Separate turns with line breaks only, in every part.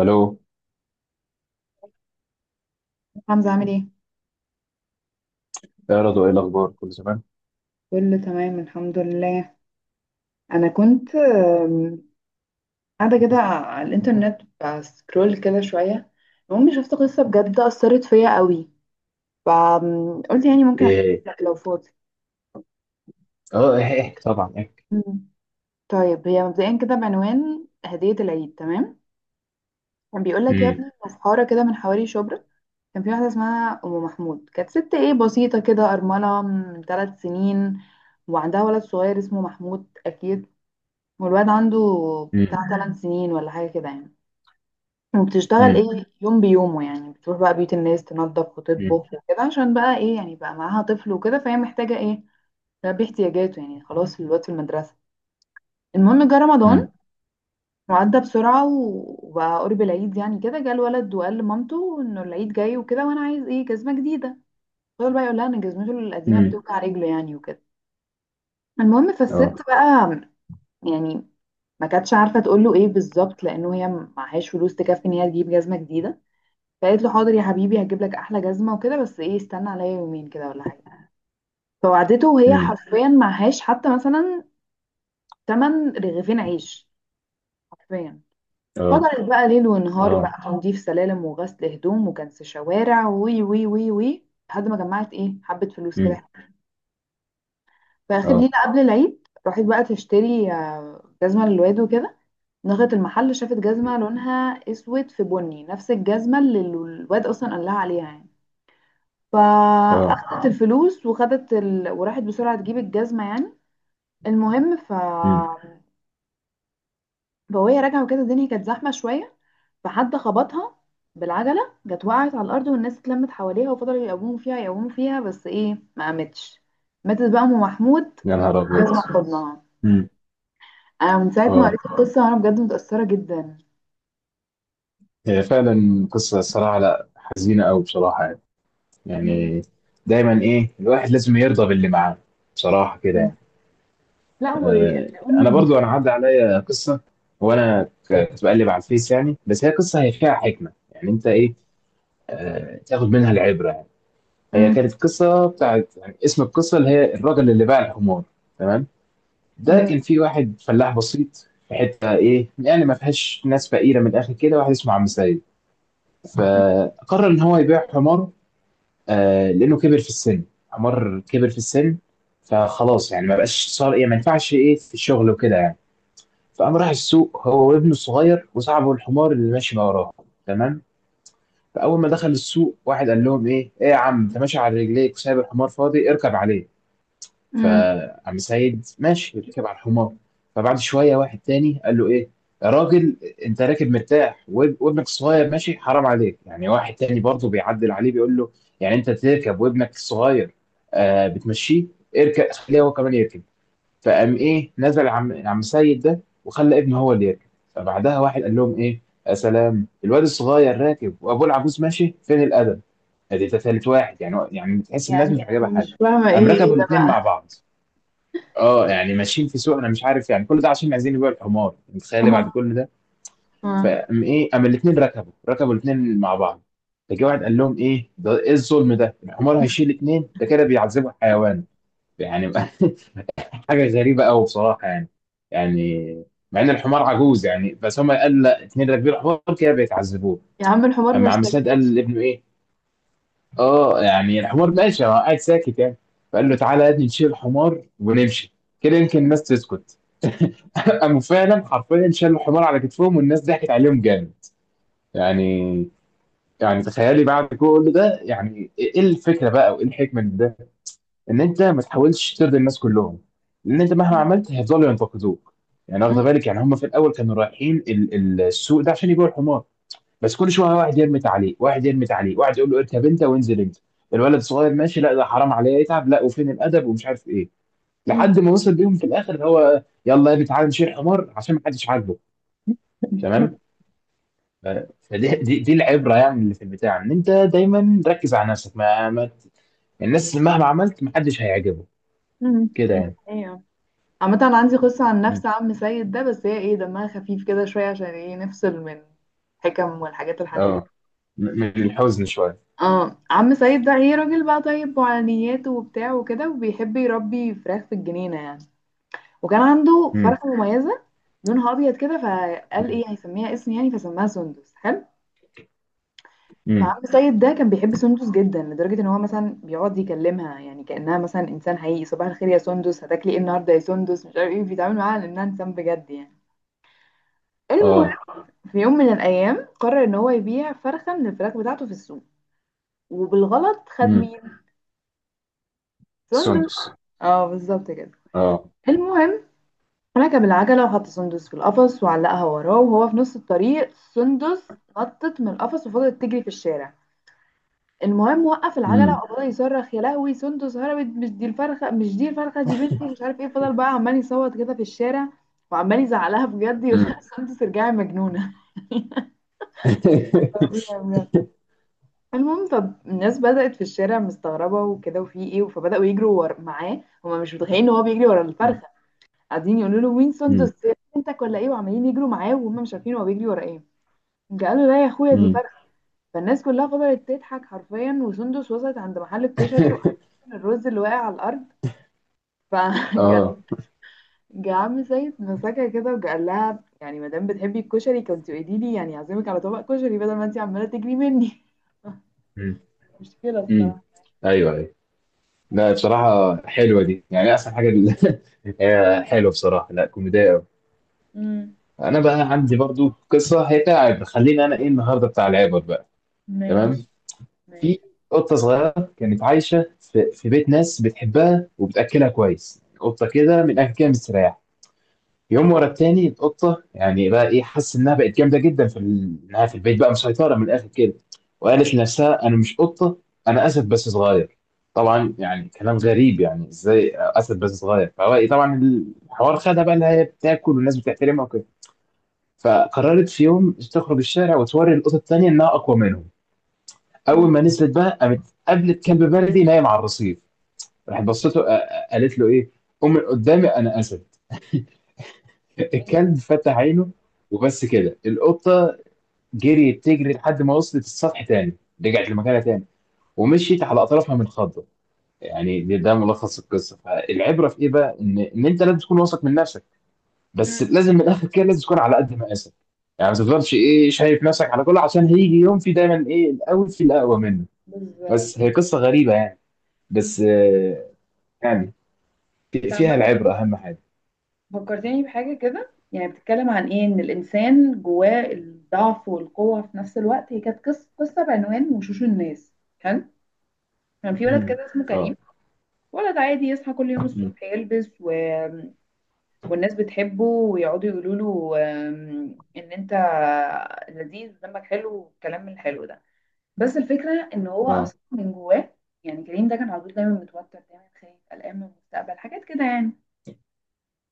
الو.
حمزة عامل ايه؟
يا رضوى، ايه الاخبار، كل زمان؟
كله تمام الحمد لله. انا كنت قاعدة كده على الانترنت بسكرول كده شوية. المهم شفت قصة بجد أثرت فيا قوي، فقلت يعني ممكن احكي
ايه.
لك لو فاضي.
احكي، طبعا احكي.
مم. طيب هي مبدئيا كده بعنوان هدية العيد، تمام؟ كان بيقول لك يا
امم.
ابني إن في حارة كده من حواري شبرا كان في واحدة اسمها أم محمود، كانت ست ايه بسيطة كده، أرملة من 3 سنين وعندها ولد صغير اسمه محمود أكيد، والواد عنده
امم.
بتاع 8 سنين ولا حاجة كده يعني. وبتشتغل
امم.
ايه، يوم بيومه يعني، بتروح بقى بيت الناس تنظف
امم.
وتطبخ وكده، عشان بقى ايه يعني بقى معاها طفل وكده، فهي محتاجة ايه تلبي احتياجاته. يعني خلاص الواد في المدرسة. المهم جه
امم.
رمضان وعدى بسرعة و- وبقى قرب العيد، يعني كده جه الولد وقال لمامته انه العيد جاي وكده وانا عايز ايه جزمة جديدة، فضل بقى يقول لها ان جزمته القديمة
أمم.
بتوجع رجله يعني وكده. المهم فالست
اه.
بقى يعني ما كانتش عارفه تقول له ايه بالظبط، لانه هي معهاش فلوس تكفي ان هي تجيب جزمه جديده، فقالت له حاضر يا حبيبي هجيب لك احلى جزمه وكده، بس ايه استنى عليا يومين كده ولا حاجه. فوعدته وهي
امم.
حرفيا معهاش حتى مثلا تمن رغيفين عيش، حرفيا.
اه.
فضلت بقى ليل ونهار
اه.
بقى تنظيف سلالم وغسل هدوم وكنس شوارع، وي وي وي وي، لحد ما جمعت ايه حبه فلوس كده.
امم.
في اخر
اه.
ليله قبل العيد راحت بقى تشتري جزمه للواد وكده. دخلت المحل شافت جزمة لونها اسود في بني، نفس الجزمة اللي الواد اصلا قال لها عليها يعني،
اه.
فاخدت الفلوس وراحت بسرعة تجيب الجزمة يعني. المهم ف
امم.
فوهي راجعة وكده الدنيا كانت زحمة شوية، فحد خبطها بالعجلة، جت وقعت على الأرض والناس اتلمت حواليها وفضلوا يقوموا فيها يقوموا فيها، بس ايه ما قامتش. ماتت بقى أم محمود،
يا نهار ابيض.
جزمة في حضنها.
امم.
أنا من ساعة ما
اه.
قريت القصة وأنا بجد متأثرة جدا.
هي فعلا قصه، الصراحه لا حزينه قوي بصراحه يعني،
مم.
يعني دايما ايه الواحد لازم يرضى باللي معاه، بصراحه كده
مم.
يعني.
لا
آه. انا
والأم.
برضو انا عدى عليا قصه، كنت بقلب على الفيس يعني، بس هي قصه، هي فيها حكمه يعني، انت ايه، آه، تاخد منها العبره يعني. هي كانت قصه بتاعت، يعني اسم القصه اللي هي الراجل اللي باع الحمار. تمام. ده
امم.
كان في واحد فلاح بسيط في حته ايه يعني، ما فيهاش ناس، فقيره من الاخر كده، واحد اسمه عم سيد. فقرر ان هو يبيع حمار، آه، لانه كبر في السن. حمار كبر في السن، فخلاص يعني ما بقاش، صار ايه، ما ينفعش ايه في الشغل وكده يعني. فقام راح السوق، هو وابنه الصغير وصاحبه الحمار اللي ماشي ما وراه. تمام. فاول ما دخل السوق، واحد قال لهم ايه، ايه يا عم انت ماشي على رجليك وسايب الحمار فاضي، اركب عليه.
امم.
فعم سيد ماشي ركب على الحمار. فبعد شويه واحد تاني قال له، ايه يا راجل، انت راكب مرتاح وابنك الصغير ماشي، حرام عليك يعني. واحد تاني برضه بيعدل عليه، بيقول له، يعني انت تركب وابنك الصغير آه بتمشيه، اركب خليه هو كمان يركب. فقام ايه، نزل عم سيد ده وخلى ابنه هو اللي يركب. فبعدها واحد قال لهم، ايه يا سلام، الواد الصغير راكب وابوه العجوز ماشي، فين الادب؟ ادي ده ثالث واحد يعني، يعني تحس الناس
يعني
مش
انا
عاجبها حاجه.
مش فاهمه
قام
ايه ايه
ركبوا
ده
الاثنين
بقى؟
مع بعض. اه يعني ماشيين في سوق، انا مش عارف يعني كل ده عشان عايزين يبيعوا الحمار، متخيل إيه بعد
اه.
كل ده.
اه.
فقام ايه، قام الاثنين ركبوا، الاثنين مع بعض. فجه واحد قال لهم، ايه ده، ايه الظلم ده، الحمار هيشيل اثنين، ده كده بيعذبوا الحيوان يعني. حاجه غريبه قوي بصراحه يعني، يعني مع ان الحمار عجوز يعني، بس هم قال لا، اتنين راكبين الحمار كده بيتعذبوه.
يا عم الحمار ما
اما عم سعد قال
اشتكاش.
لابنه ايه، اه يعني الحمار ماشي هو قاعد ساكت يعني، فقال له،
مم.
تعالى يا ابني نشيل الحمار ونمشي، كده يمكن الناس تسكت. قاموا فعلا حرفيا شالوا الحمار على كتفهم، والناس ضحكت عليهم جامد يعني. يعني تخيلي بعد كل ده يعني، ايه الفكره بقى وايه الحكمه من ده؟ ان انت ما تحاولش ترضي الناس كلهم، لان انت مهما
مم.
عملت هيفضلوا ينتقدوك يعني. واخد بالك يعني، هم في الاول كانوا رايحين السوق ده عشان يبيعوا الحمار، بس كل شويه واحد يرمي تعليق، واحد يرمي تعليق، واحد يقول له اركب انت وانزل انت، الولد الصغير ماشي لا ده حرام عليه يتعب، لا وفين الادب ومش عارف ايه،
مم.
لحد ما وصل بيهم في الاخر اللي هو يلا يا ابني تعالى نشيل حمار عشان ما حدش عاجبه. تمام. ف- فدي دي العبره يعني، اللي في البتاع ان انت دايما ركز على نفسك، ما الناس مهما عملت ما حدش هيعجبه
مم.
كده
ده
يعني.
حقيقة. عامة أنا عندي قصة عن
م.
نفس عم سيد ده، بس هي ايه دمها خفيف كده شوية عشان ايه نفصل من الحكم والحاجات الحزينة.
اه. من الحزن شوية.
اه، عم سيد ده ايه راجل بقى طيب وعلى نياته وبتاع وكده، وبيحب يربي فراخ في الجنينة يعني. وكان عنده
امم.
فرخة مميزة لونها أبيض كده، فقال
امم.
ايه هيسميها اسم يعني، فسماها سندس، حلو.
امم.
فعبد السيد ده كان بيحب سندس جدا، لدرجة ان هو مثلا بيقعد يكلمها يعني كأنها مثلا انسان حقيقي. صباح الخير يا سندس، هتاكلي ايه النهارده يا سندس، مش عارف ايه، بيتعامل معاها على انها انسان بجد يعني. المهم
اه.
في يوم من الايام قرر ان هو يبيع فرخة من الفراخ بتاعته في السوق، وبالغلط خد
امم.
مين؟ سندس.
سندس.
اه بالظبط كده.
اه.
المهم ركب العجلة وحط سندس في القفص وعلقها وراه، وهو في نص الطريق سندس نطت من القفص وفضلت تجري في الشارع. المهم وقف العجله
امم.
وفضل يصرخ، يا لهوي سندس هربت، مش دي الفرخه مش دي الفرخه دي بنتي، مش عارف ايه، فضل بقى عمال يصوت كده في الشارع، وعمال يزعلها بجد يقول لها
امم.
سندس ارجعي مجنونه. طبيعي بجد. المهم طب الناس بدأت في الشارع مستغربة وكده، وفي ايه، فبدأوا معاه، هما مش متخيلين ان هو بيجري ورا الفرخة، قاعدين يقولوا له مين
امم.
سندس، بنتك ولا ايه، وعمالين يجروا معاه وهم مش عارفين هو بيجري ورا ايه. قالوا لا يا اخويا دي
امم.
فرخة. فالناس كلها فضلت تضحك حرفيا، وسندس وصلت عند محل الكشري، وقعت الرز اللي واقع على الارض، فجا
اه.
عم سيد مسكها كده وقال لها يعني ما دام بتحبي الكشري كنت قولي لي يعني، اعزمك على طبق كشري بدل ما انت عماله تجري مني.
امم.
مشكله
امم.
الصراحه.
ايوه، ايوه. لا، بصراحة حلوة دي يعني، أحسن حاجة دي. هي حلوة بصراحة، لا كوميدية أوي.
امم.
أنا بقى عندي برضو قصة، هي بتاع عبر، خلينا أنا إيه النهاردة بتاع العبر بقى. تمام.
ماشي.
في
ماشي.
قطة صغيرة كانت عايشة في بيت ناس بتحبها وبتأكلها كويس، قطة كده من الأكل كده مستريحة. يوم ورا التاني القطه يعني بقى ايه، حاسس انها بقت جامده جدا في ال-، انها في البيت بقى مسيطره من الاخر كده. وقالت لنفسها انا مش قطه، انا اسد بس صغير. طبعا يعني كلام غريب يعني، ازاي اسد بس صغير؟ فهو إيه طبعا الحوار خدها بقى اللي هي بتاكل والناس بتحترمها وكده. فقررت في يوم تخرج الشارع وتوري القطط التانيه انها اقوى منهم. اول
امم.
ما نزلت بقى، قامت قابلت كلب بلدي نايم على الرصيف، راحت بصته آه، آه، قالت له ايه، قوم من قدامي، انا اسد.
ايه ده.
الكلب فتح عينه، وبس كده القطة جريت تجري لحد ما وصلت السطح تاني، رجعت لمكانها تاني ومشيت على أطرافها من خضة يعني. ده ملخص القصة، فالعبرة في إيه بقى؟ إن أنت لازم تكون واثق من نفسك، بس
امم.
لازم من الآخر كده لازم تكون على قد مقاسك يعني، ما تفضلش إيه شايف نفسك على كله، عشان هيجي يوم في دايما إيه الأول في الأقوى منه.
بالظبط.
بس هي قصة غريبة يعني،
انت.
بس آه، يعني
عامه
فيها العبرة أهم حاجة.
فكرتني بحاجه كده يعني بتتكلم عن ايه ان الانسان جواه الضعف والقوه في نفس الوقت. هي كانت قصه بعنوان وشوش الناس، حلو. كان في ولد
مم.
كده اسمه كريم،
اه.
ولد عادي يصحى كل يوم
مم.
الصبح يلبس و، والناس بتحبه ويقعدوا يقولوا له ان انت لذيذ ودمك حلو والكلام من الحلو ده. بس الفكره ان هو
اه.
اصلا من جواه، يعني كريم ده كان على طول دايما متوتر، دايما خايف قلقان من المستقبل، حاجات كده يعني.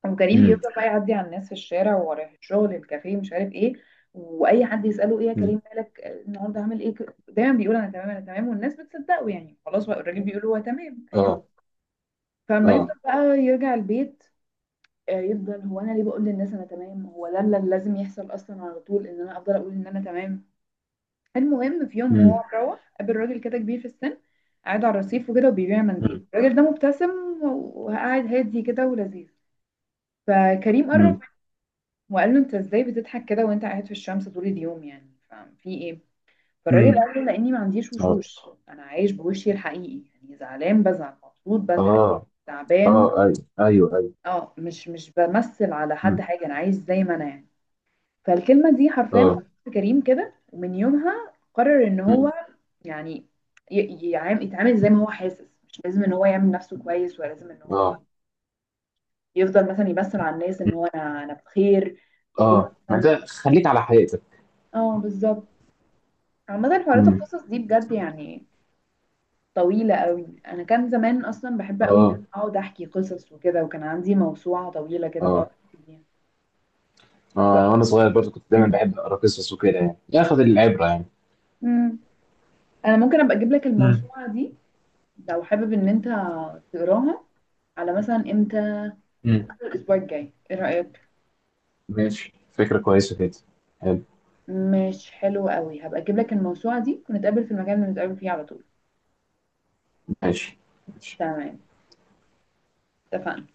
وكريم
مم.
بيفضل بقى يعدي على الناس في الشارع ورايح الشغل الكافيه مش عارف ايه، واي حد يساله ايه يا
مم.
كريم مالك النهارده عامل ايه، دايما بيقول انا تمام انا تمام، والناس بتصدقه يعني خلاص بقى الراجل بيقول هو تمام، فاهم؟
اه.
فلما يفضل بقى يرجع البيت، يفضل هو انا ليه بقول للناس انا تمام، هو ده اللي لازم يحصل اصلا على طول ان انا افضل اقول ان انا تمام. المهم في يوم
اه.
وهو مروح قابل راجل كده كبير في السن، قاعد على الرصيف وكده وبيبيع منديل،
مم.
الراجل ده مبتسم وقاعد هادي كده ولذيذ. فكريم قرب منه
مم.
وقال له انت ازاي بتضحك كده وانت قاعد في الشمس طول اليوم يعني، ففي ايه؟ فالراجل
مم.
قال له لاني ما عنديش
اه.
وشوش، انا عايش بوشي الحقيقي، يعني زعلان بزعل، مبسوط بضحك،
اه.
تعبان.
اه. ايوه، ايوه، ايوه.
اه مش بمثل على حد
مم.
حاجه، انا عايش زي ما انا يعني. فالكلمة دي حرفيا
اه.
خلصت كريم كده، ومن يومها قرر ان
مم.
هو يعني يتعامل زي ما هو حاسس، مش لازم ان هو يعمل نفسه كويس، ولا لازم ان هو
اه.
يفضل مثلا يبثر على الناس ان
مم.
هو انا بخير. يكون
اه، ما
مثلا.
ده خليك على حقيقتك.
اه بالظبط. عامة حوارات
مم.
القصص دي بجد يعني طويلة قوي، انا كان زمان اصلا بحب قوي ان أنا
اه.
اقعد احكي قصص وكده، وكان عندي موسوعة طويلة كده بقعد
اه.
احكي فيها. ف-
اه، وانا صغير برضه كنت دايما بحب اقرا قصص وكده يعني، ياخد العبره يعني.
مم. انا ممكن ابقى اجيب لك
مم.
الموسوعة دي لو حابب ان انت تقراها، على مثلا امتى؟
مم.
أول الاسبوع الجاي ايه رايك؟
ماشي، فكره كويسه كده. حلو.
مش حلو قوي، هبقى اجيب لك الموسوعه دي ونتقابل في المكان اللي بنتقابل فيه على طول.
ماشي. ماشي.
تمام، اتفقنا.